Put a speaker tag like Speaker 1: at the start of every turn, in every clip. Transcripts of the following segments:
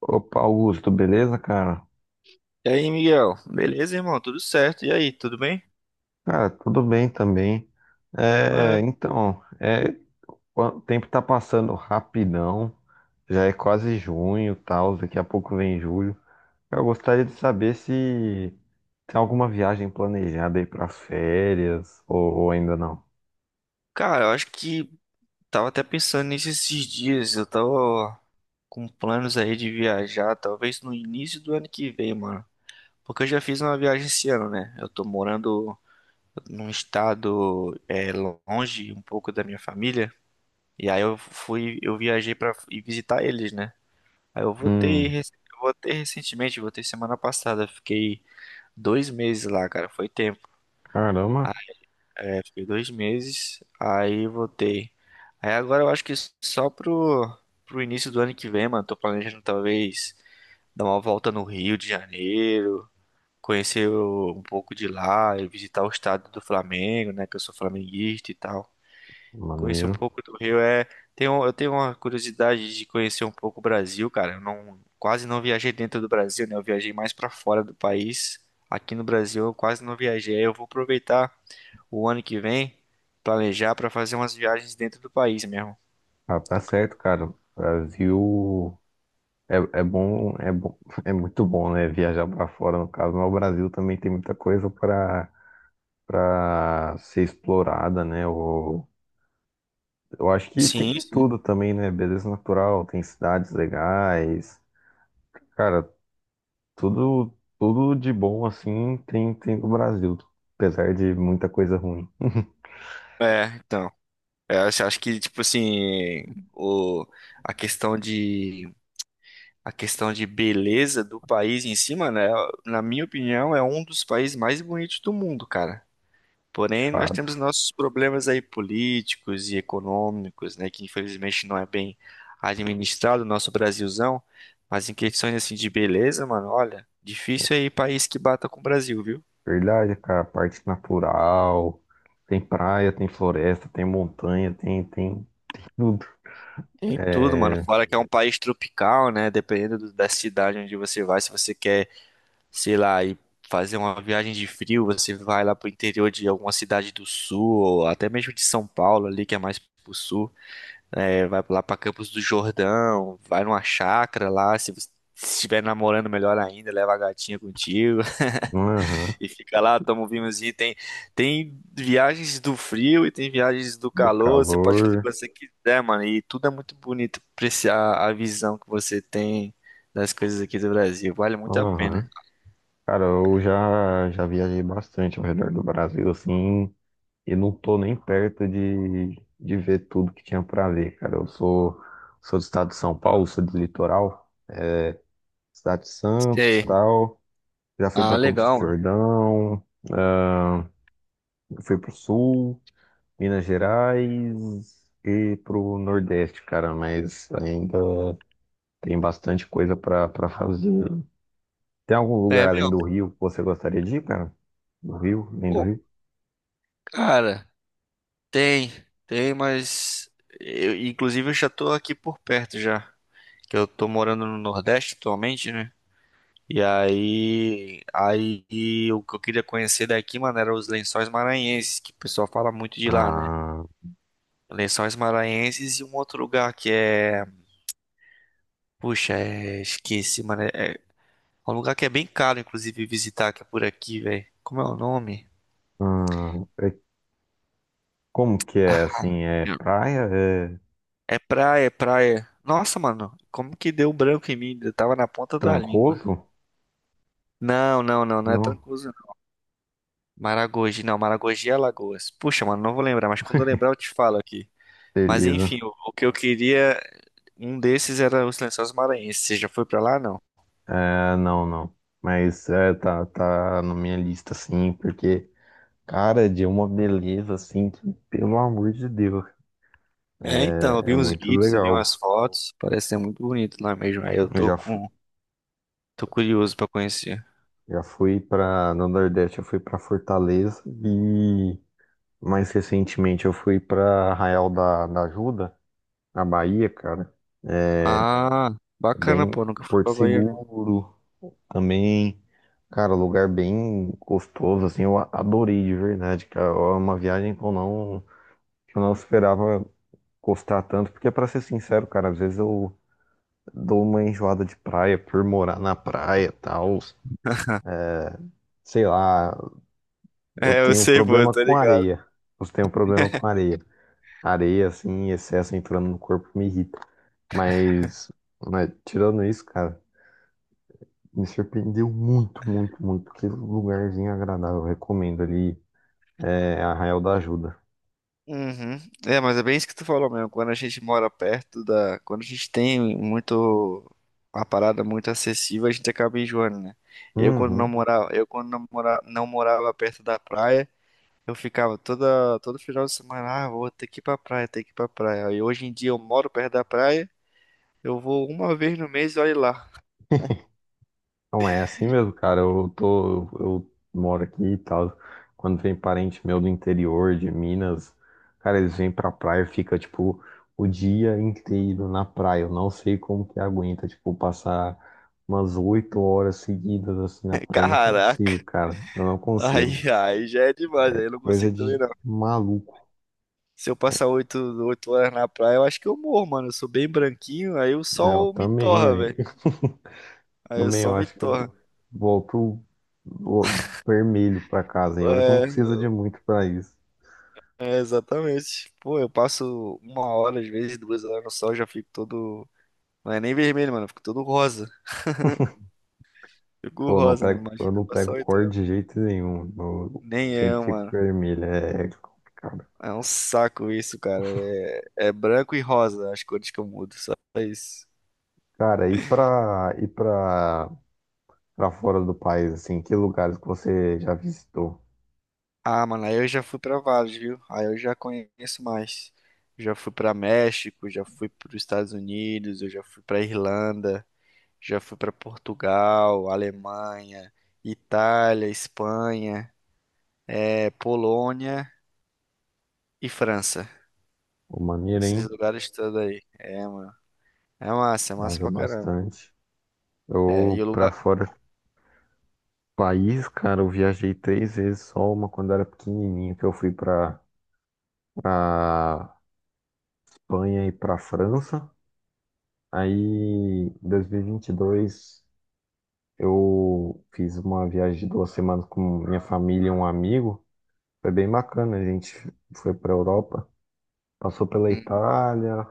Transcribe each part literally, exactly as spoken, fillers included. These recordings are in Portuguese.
Speaker 1: Opa, Augusto, beleza, cara?
Speaker 2: E aí, Miguel? Beleza, irmão? Tudo certo? E aí, tudo bem?
Speaker 1: Cara, tudo bem também. É,
Speaker 2: É,
Speaker 1: então, é, o tempo tá passando rapidão, já é quase junho, tal, daqui a pouco vem julho. Eu gostaria de saber se tem alguma viagem planejada aí para férias ou, ou ainda não.
Speaker 2: cara, eu acho que tava até pensando nisso esses dias. Eu tava com planos aí de viajar, talvez no início do ano que vem, mano. Porque eu já fiz uma viagem esse ano, né? Eu tô morando num estado é, longe um pouco da minha família. E aí eu fui, eu viajei pra ir visitar eles, né? Aí eu voltei,
Speaker 1: Hum,
Speaker 2: rec- eu voltei recentemente, voltei semana passada. Fiquei dois meses lá, cara. Foi tempo.
Speaker 1: caramba,
Speaker 2: É, fiquei dois meses, aí voltei. Aí agora eu acho que só pro, pro início do ano que vem, mano, tô planejando talvez dar uma volta no Rio de Janeiro, conhecer o- um pouco de lá, e visitar o estado do Flamengo, né, que eu sou flamenguista e tal. Conhecer um
Speaker 1: maneiro.
Speaker 2: pouco do Rio é... Tenho, eu tenho uma curiosidade de conhecer um pouco o Brasil, cara. Eu não, quase não viajei dentro do Brasil, né, eu viajei mais pra fora do país. Aqui no Brasil eu quase não viajei, eu vou aproveitar o ano que vem planejar pra fazer umas viagens dentro do país mesmo.
Speaker 1: Ah, tá certo, cara. Brasil é, é bom, é bom, é muito bom, né? Viajar pra fora, no caso, mas o Brasil também tem muita coisa pra para ser explorada, né? Eu, eu acho que tem
Speaker 2: Sim,
Speaker 1: de
Speaker 2: sim.
Speaker 1: tudo também, né? Beleza natural, tem cidades legais, cara, tudo tudo de bom assim tem tem no Brasil, apesar de muita coisa ruim,
Speaker 2: É, então. É, acho acho que, tipo assim, o, a questão de, a questão de beleza do país em si, mano, é, na minha opinião, é um dos países mais bonitos do mundo, cara.
Speaker 1: de
Speaker 2: Porém, nós
Speaker 1: fato.
Speaker 2: temos nossos problemas aí políticos e econômicos, né, que infelizmente não é bem administrado, o nosso Brasilzão. Mas em questões assim de beleza, mano, olha, difícil aí país que bata com o Brasil, viu?
Speaker 1: Verdade, cara, parte natural, tem praia, tem floresta, tem montanha, tem tem tudo.
Speaker 2: Tem tudo, mano.
Speaker 1: É,
Speaker 2: Fora que é um país tropical, né? Dependendo do- da cidade onde você vai, se você quer, sei lá, ir fazer uma viagem de frio, você vai lá pro interior de alguma cidade do sul, ou até mesmo de São Paulo ali, que é mais pro sul. É, vai lá pra Campos do Jordão, vai numa chácara lá. Se você estiver namorando, melhor ainda, leva a gatinha contigo.
Speaker 1: aham,
Speaker 2: E fica lá, toma um vinhozinho. Tem, tem viagens do frio e tem viagens do
Speaker 1: do
Speaker 2: calor. Você pode fazer o
Speaker 1: calor,
Speaker 2: que você quiser, mano. E tudo é muito bonito. Apreciar a visão que você tem das coisas aqui do Brasil. Vale muito a pena.
Speaker 1: aham. Cara, eu já já viajei bastante ao redor do Brasil, assim. E não tô nem perto de, de ver tudo que tinha pra ver, cara. Eu sou, sou do estado de São Paulo, sou do litoral, cidade de Santos,
Speaker 2: Sei.
Speaker 1: tal. Já fui
Speaker 2: Ah,
Speaker 1: pra Campos do
Speaker 2: legal, mano.
Speaker 1: Jordão, ah, fui pro Sul, Minas Gerais e pro Nordeste, cara. Mas ainda tem bastante coisa pra para fazer. Tem algum lugar
Speaker 2: É,
Speaker 1: além
Speaker 2: meu.
Speaker 1: do Rio que você gostaria de ir, cara? Do Rio, além do
Speaker 2: Pô,
Speaker 1: Rio?
Speaker 2: cara, tem. Tem, mas. Eu, inclusive, eu já tô aqui por perto já. Que eu tô morando no Nordeste atualmente, né? E aí, aí o que eu queria conhecer daqui, mano, era os Lençóis Maranhenses, que o pessoal fala muito de lá, né?
Speaker 1: Ah,
Speaker 2: Lençóis Maranhenses e um outro lugar que é, puxa, é... esqueci, mano, é... é um lugar que é bem caro, inclusive, visitar, que é por aqui, velho. Como é o nome?
Speaker 1: hum, é- como que é
Speaker 2: Ah,
Speaker 1: assim? É praia? É
Speaker 2: é praia, é praia. Nossa, mano, como que deu branco em mim? Eu tava na ponta da língua.
Speaker 1: Trancoso?
Speaker 2: Não, não, não, não é
Speaker 1: Não,
Speaker 2: Trancoso, não. Maragogi, não, Maragogi é Alagoas. Puxa, mano, não vou lembrar, mas quando eu lembrar eu te falo aqui. Mas
Speaker 1: beleza.
Speaker 2: enfim, o, o que eu queria, um desses era os Lençóis Maranhenses. Você já foi pra lá, não?
Speaker 1: É, não, não. Mas é, tá, tá na minha lista, sim, porque, cara, de uma beleza, assim, que, pelo amor de Deus,
Speaker 2: É, então, eu
Speaker 1: é, é
Speaker 2: vi uns
Speaker 1: muito
Speaker 2: vídeos, eu vi umas
Speaker 1: legal.
Speaker 2: fotos, parece ser muito bonito lá mesmo. Aí eu
Speaker 1: Eu
Speaker 2: tô
Speaker 1: já, fu-
Speaker 2: com, tô curioso pra conhecer.
Speaker 1: já fui pra, no Nordeste, eu fui pra Fortaleza e, mais recentemente, eu fui pra Arraial da, da Ajuda, na Bahia, cara. É,
Speaker 2: Ah, bacana,
Speaker 1: Bem,
Speaker 2: pô, nunca fui
Speaker 1: Porto
Speaker 2: pra Bahia, não.
Speaker 1: Seguro. Também, cara, lugar bem gostoso, assim, eu a- adorei de verdade, cara. É uma viagem que eu não, que eu não esperava gostar tanto, porque pra ser sincero, cara, às vezes eu dou uma enjoada de praia por morar na praia e tal. Sei lá, eu
Speaker 2: É, eu
Speaker 1: tenho
Speaker 2: sei, pô, eu
Speaker 1: problema
Speaker 2: tô
Speaker 1: com
Speaker 2: ligado.
Speaker 1: areia. Eu tenho problema com areia. Areia, assim, em excesso entrando no corpo me irrita. Mas, mas tirando isso, cara, me surpreendeu muito, muito, muito. Que lugarzinho agradável, eu recomendo ali. É Arraial da Ajuda.
Speaker 2: Uhum. É, mas é bem isso que tu falou mesmo. Quando a gente mora perto da, quando a gente tem muito uma parada muito acessível, a gente acaba enjoando, né? Eu quando não
Speaker 1: Uhum.
Speaker 2: morava, eu quando não morava, não morava perto da praia. Eu ficava toda, todo final de semana, ah, vou ter que ir pra praia, ter que ir pra praia. E hoje em dia eu moro perto da praia, eu vou uma vez no mês e olha lá.
Speaker 1: Não é assim mesmo, cara. Eu tô, eu moro aqui e tal. Quando vem parente meu do interior de Minas, cara, eles vêm pra praia, e fica tipo o dia inteiro na praia. Eu não sei como que aguenta, tipo, passar umas oito horas seguidas assim na praia. Eu não consigo,
Speaker 2: Caraca,
Speaker 1: cara. Eu não consigo.
Speaker 2: aí, aí já é demais, aí eu não
Speaker 1: Coisa
Speaker 2: consigo também
Speaker 1: de
Speaker 2: não.
Speaker 1: maluco,
Speaker 2: Se eu passar oito, oito horas na praia, eu acho que eu morro, mano. Eu sou bem branquinho, aí o
Speaker 1: né? Eu
Speaker 2: sol me
Speaker 1: também,
Speaker 2: torra,
Speaker 1: velho.
Speaker 2: velho. Aí o
Speaker 1: Também eu
Speaker 2: sol me
Speaker 1: acho que eu
Speaker 2: torra.
Speaker 1: vou pro, vou vermelho pra casa, hein? Olha que não
Speaker 2: É,
Speaker 1: precisa de muito pra isso.
Speaker 2: é, exatamente. Pô, eu passo uma hora, às vezes duas horas no sol, já fico todo. Não é nem vermelho, mano, eu fico todo rosa. Fico
Speaker 1: Pô, não
Speaker 2: rosa, mano.
Speaker 1: pego, eu
Speaker 2: Imagina
Speaker 1: não
Speaker 2: passar
Speaker 1: pego
Speaker 2: oito.
Speaker 1: cor de jeito nenhum. Eu
Speaker 2: Nem
Speaker 1: sempre
Speaker 2: eu,
Speaker 1: fico
Speaker 2: mano.
Speaker 1: vermelho. É é complicado.
Speaker 2: É um saco isso, cara. É, é branco e rosa as cores que eu mudo, só isso.
Speaker 1: Cara, e pra, e pra, pra fora do país, assim, que lugares que você já visitou?
Speaker 2: Ah, mano, aí eu já fui pra vários, viu? Aí eu já conheço mais. Já fui pra México, já fui pros Estados Unidos, eu já fui pra Irlanda, já fui pra Portugal, Alemanha, Itália, Espanha, é, Polônia e França.
Speaker 1: O Maneiro,
Speaker 2: Esses
Speaker 1: hein?
Speaker 2: lugares todos aí. É, mano. É massa, é massa
Speaker 1: Viajou
Speaker 2: pra caramba.
Speaker 1: bastante.
Speaker 2: É, e o
Speaker 1: Eu, pra
Speaker 2: lugar.
Speaker 1: fora do país, cara, eu viajei três vezes só, uma quando era pequenininho, que eu fui pra, pra Espanha e pra França. Aí, em dois mil e vinte e dois, eu fiz uma viagem de duas semanas com minha família e um amigo. Foi bem bacana, a gente foi para Europa, passou pela
Speaker 2: Hum.
Speaker 1: Itália,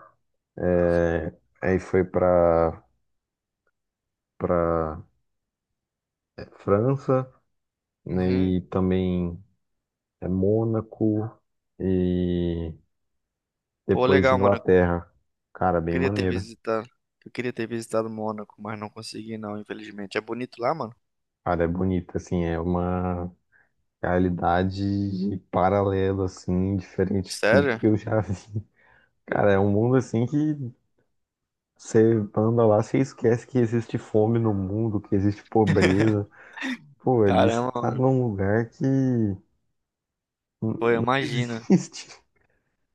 Speaker 1: é, aí foi para para França, né,
Speaker 2: Uhum.
Speaker 1: e também é, Mônaco e
Speaker 2: Pô,
Speaker 1: depois
Speaker 2: legal, mano.
Speaker 1: Inglaterra. Cara, bem
Speaker 2: Queria ter
Speaker 1: maneiro.
Speaker 2: visitado. Eu queria ter visitado Mônaco, mas não consegui não, infelizmente. É bonito lá, mano?
Speaker 1: Cara, é bonito, assim, é uma realidade paralela, assim, diferente de tudo
Speaker 2: Sério?
Speaker 1: que eu já vi. Cara, é um mundo assim que você anda lá, você esquece que existe fome no mundo, que existe pobreza. Pô, ali você
Speaker 2: Caramba,
Speaker 1: tá
Speaker 2: mano.
Speaker 1: num lugar que n-
Speaker 2: Pô, eu
Speaker 1: não
Speaker 2: imagino.
Speaker 1: existe.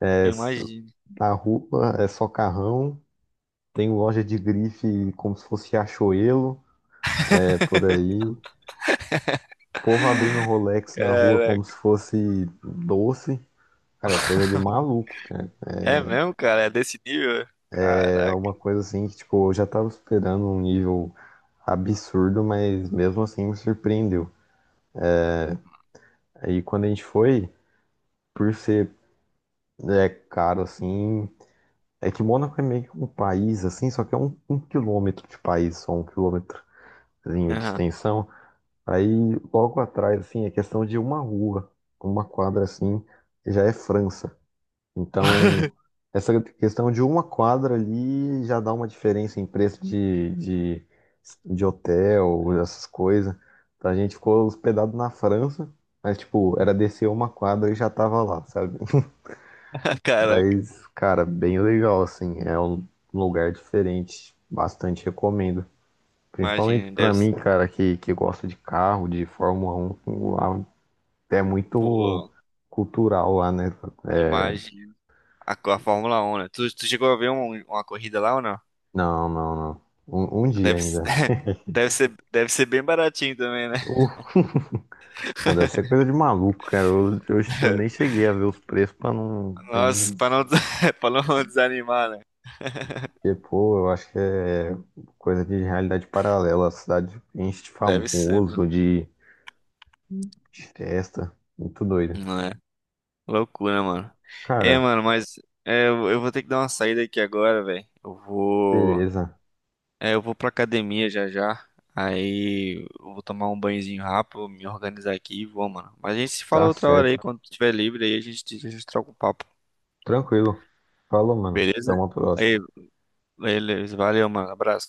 Speaker 1: É,
Speaker 2: Eu
Speaker 1: s-
Speaker 2: imagino.
Speaker 1: na rua é só carrão, tem loja de grife como se fosse Riachuelo, é por aí. Povo abrindo Rolex na rua como
Speaker 2: Caraca.
Speaker 1: se fosse doce. Cara, é coisa de maluco.
Speaker 2: É mesmo, cara? É desse nível?
Speaker 1: É
Speaker 2: Caraca.
Speaker 1: uma coisa assim que, tipo, eu já tava esperando um nível absurdo, mas mesmo assim me surpreendeu. Aí quando a gente foi, por ser é, caro assim, é que Mônaco é meio que um país assim, só que é um, um quilômetro de país, só um quilômetrozinho de
Speaker 2: Aham.
Speaker 1: extensão. Aí logo atrás, assim, é questão de uma rua, uma quadra assim, já é França. Então, essa questão de uma quadra ali já dá uma diferença em preço de, de, de hotel, essas coisas. Então, a gente ficou hospedado na França, mas, tipo, era descer uma quadra e já tava lá, sabe?
Speaker 2: Caraca.
Speaker 1: Mas, cara, bem legal, assim. É um lugar diferente. Bastante recomendo. Principalmente
Speaker 2: Imagina,
Speaker 1: pra
Speaker 2: deve ser.
Speaker 1: mim, cara, que, que gosta de carro, de Fórmula um. Lá é muito
Speaker 2: Pô,
Speaker 1: cultural lá, né?
Speaker 2: eu
Speaker 1: É,
Speaker 2: imagino. A, co- a Fórmula um, né? Tu, tu chegou a ver um- uma corrida lá ou não?
Speaker 1: Não, não, não. Um, um dia
Speaker 2: Deve, ser-
Speaker 1: ainda.
Speaker 2: deve ser, deve ser bem baratinho também, né?
Speaker 1: O- Não, deve ser coisa de maluco, cara. Eu, eu, eu nem cheguei a ver os preços pra não
Speaker 2: Nossa,
Speaker 1: nem
Speaker 2: pra
Speaker 1: dizer,
Speaker 2: não, des- pra não desanimar, né?
Speaker 1: pô, eu acho que é coisa de realidade paralela. A cidade enche de
Speaker 2: Deve ser.
Speaker 1: famoso, de, de festa. Muito doido.
Speaker 2: Loucura, mano. É,
Speaker 1: Cara,
Speaker 2: mano, mas é, eu eu vou ter que dar uma saída aqui agora, velho. Eu vou.
Speaker 1: beleza.
Speaker 2: É, eu vou pra academia já já. Aí eu vou tomar um banhozinho rápido, me organizar aqui e vou, mano. Mas a gente se fala
Speaker 1: Tá
Speaker 2: outra hora aí,
Speaker 1: certo.
Speaker 2: quando tiver livre, aí a gente, a gente troca o papo.
Speaker 1: Tranquilo. Falou, mano. Até
Speaker 2: Beleza?
Speaker 1: uma
Speaker 2: Aí,
Speaker 1: próxima.
Speaker 2: beleza. Valeu, mano. Abraço.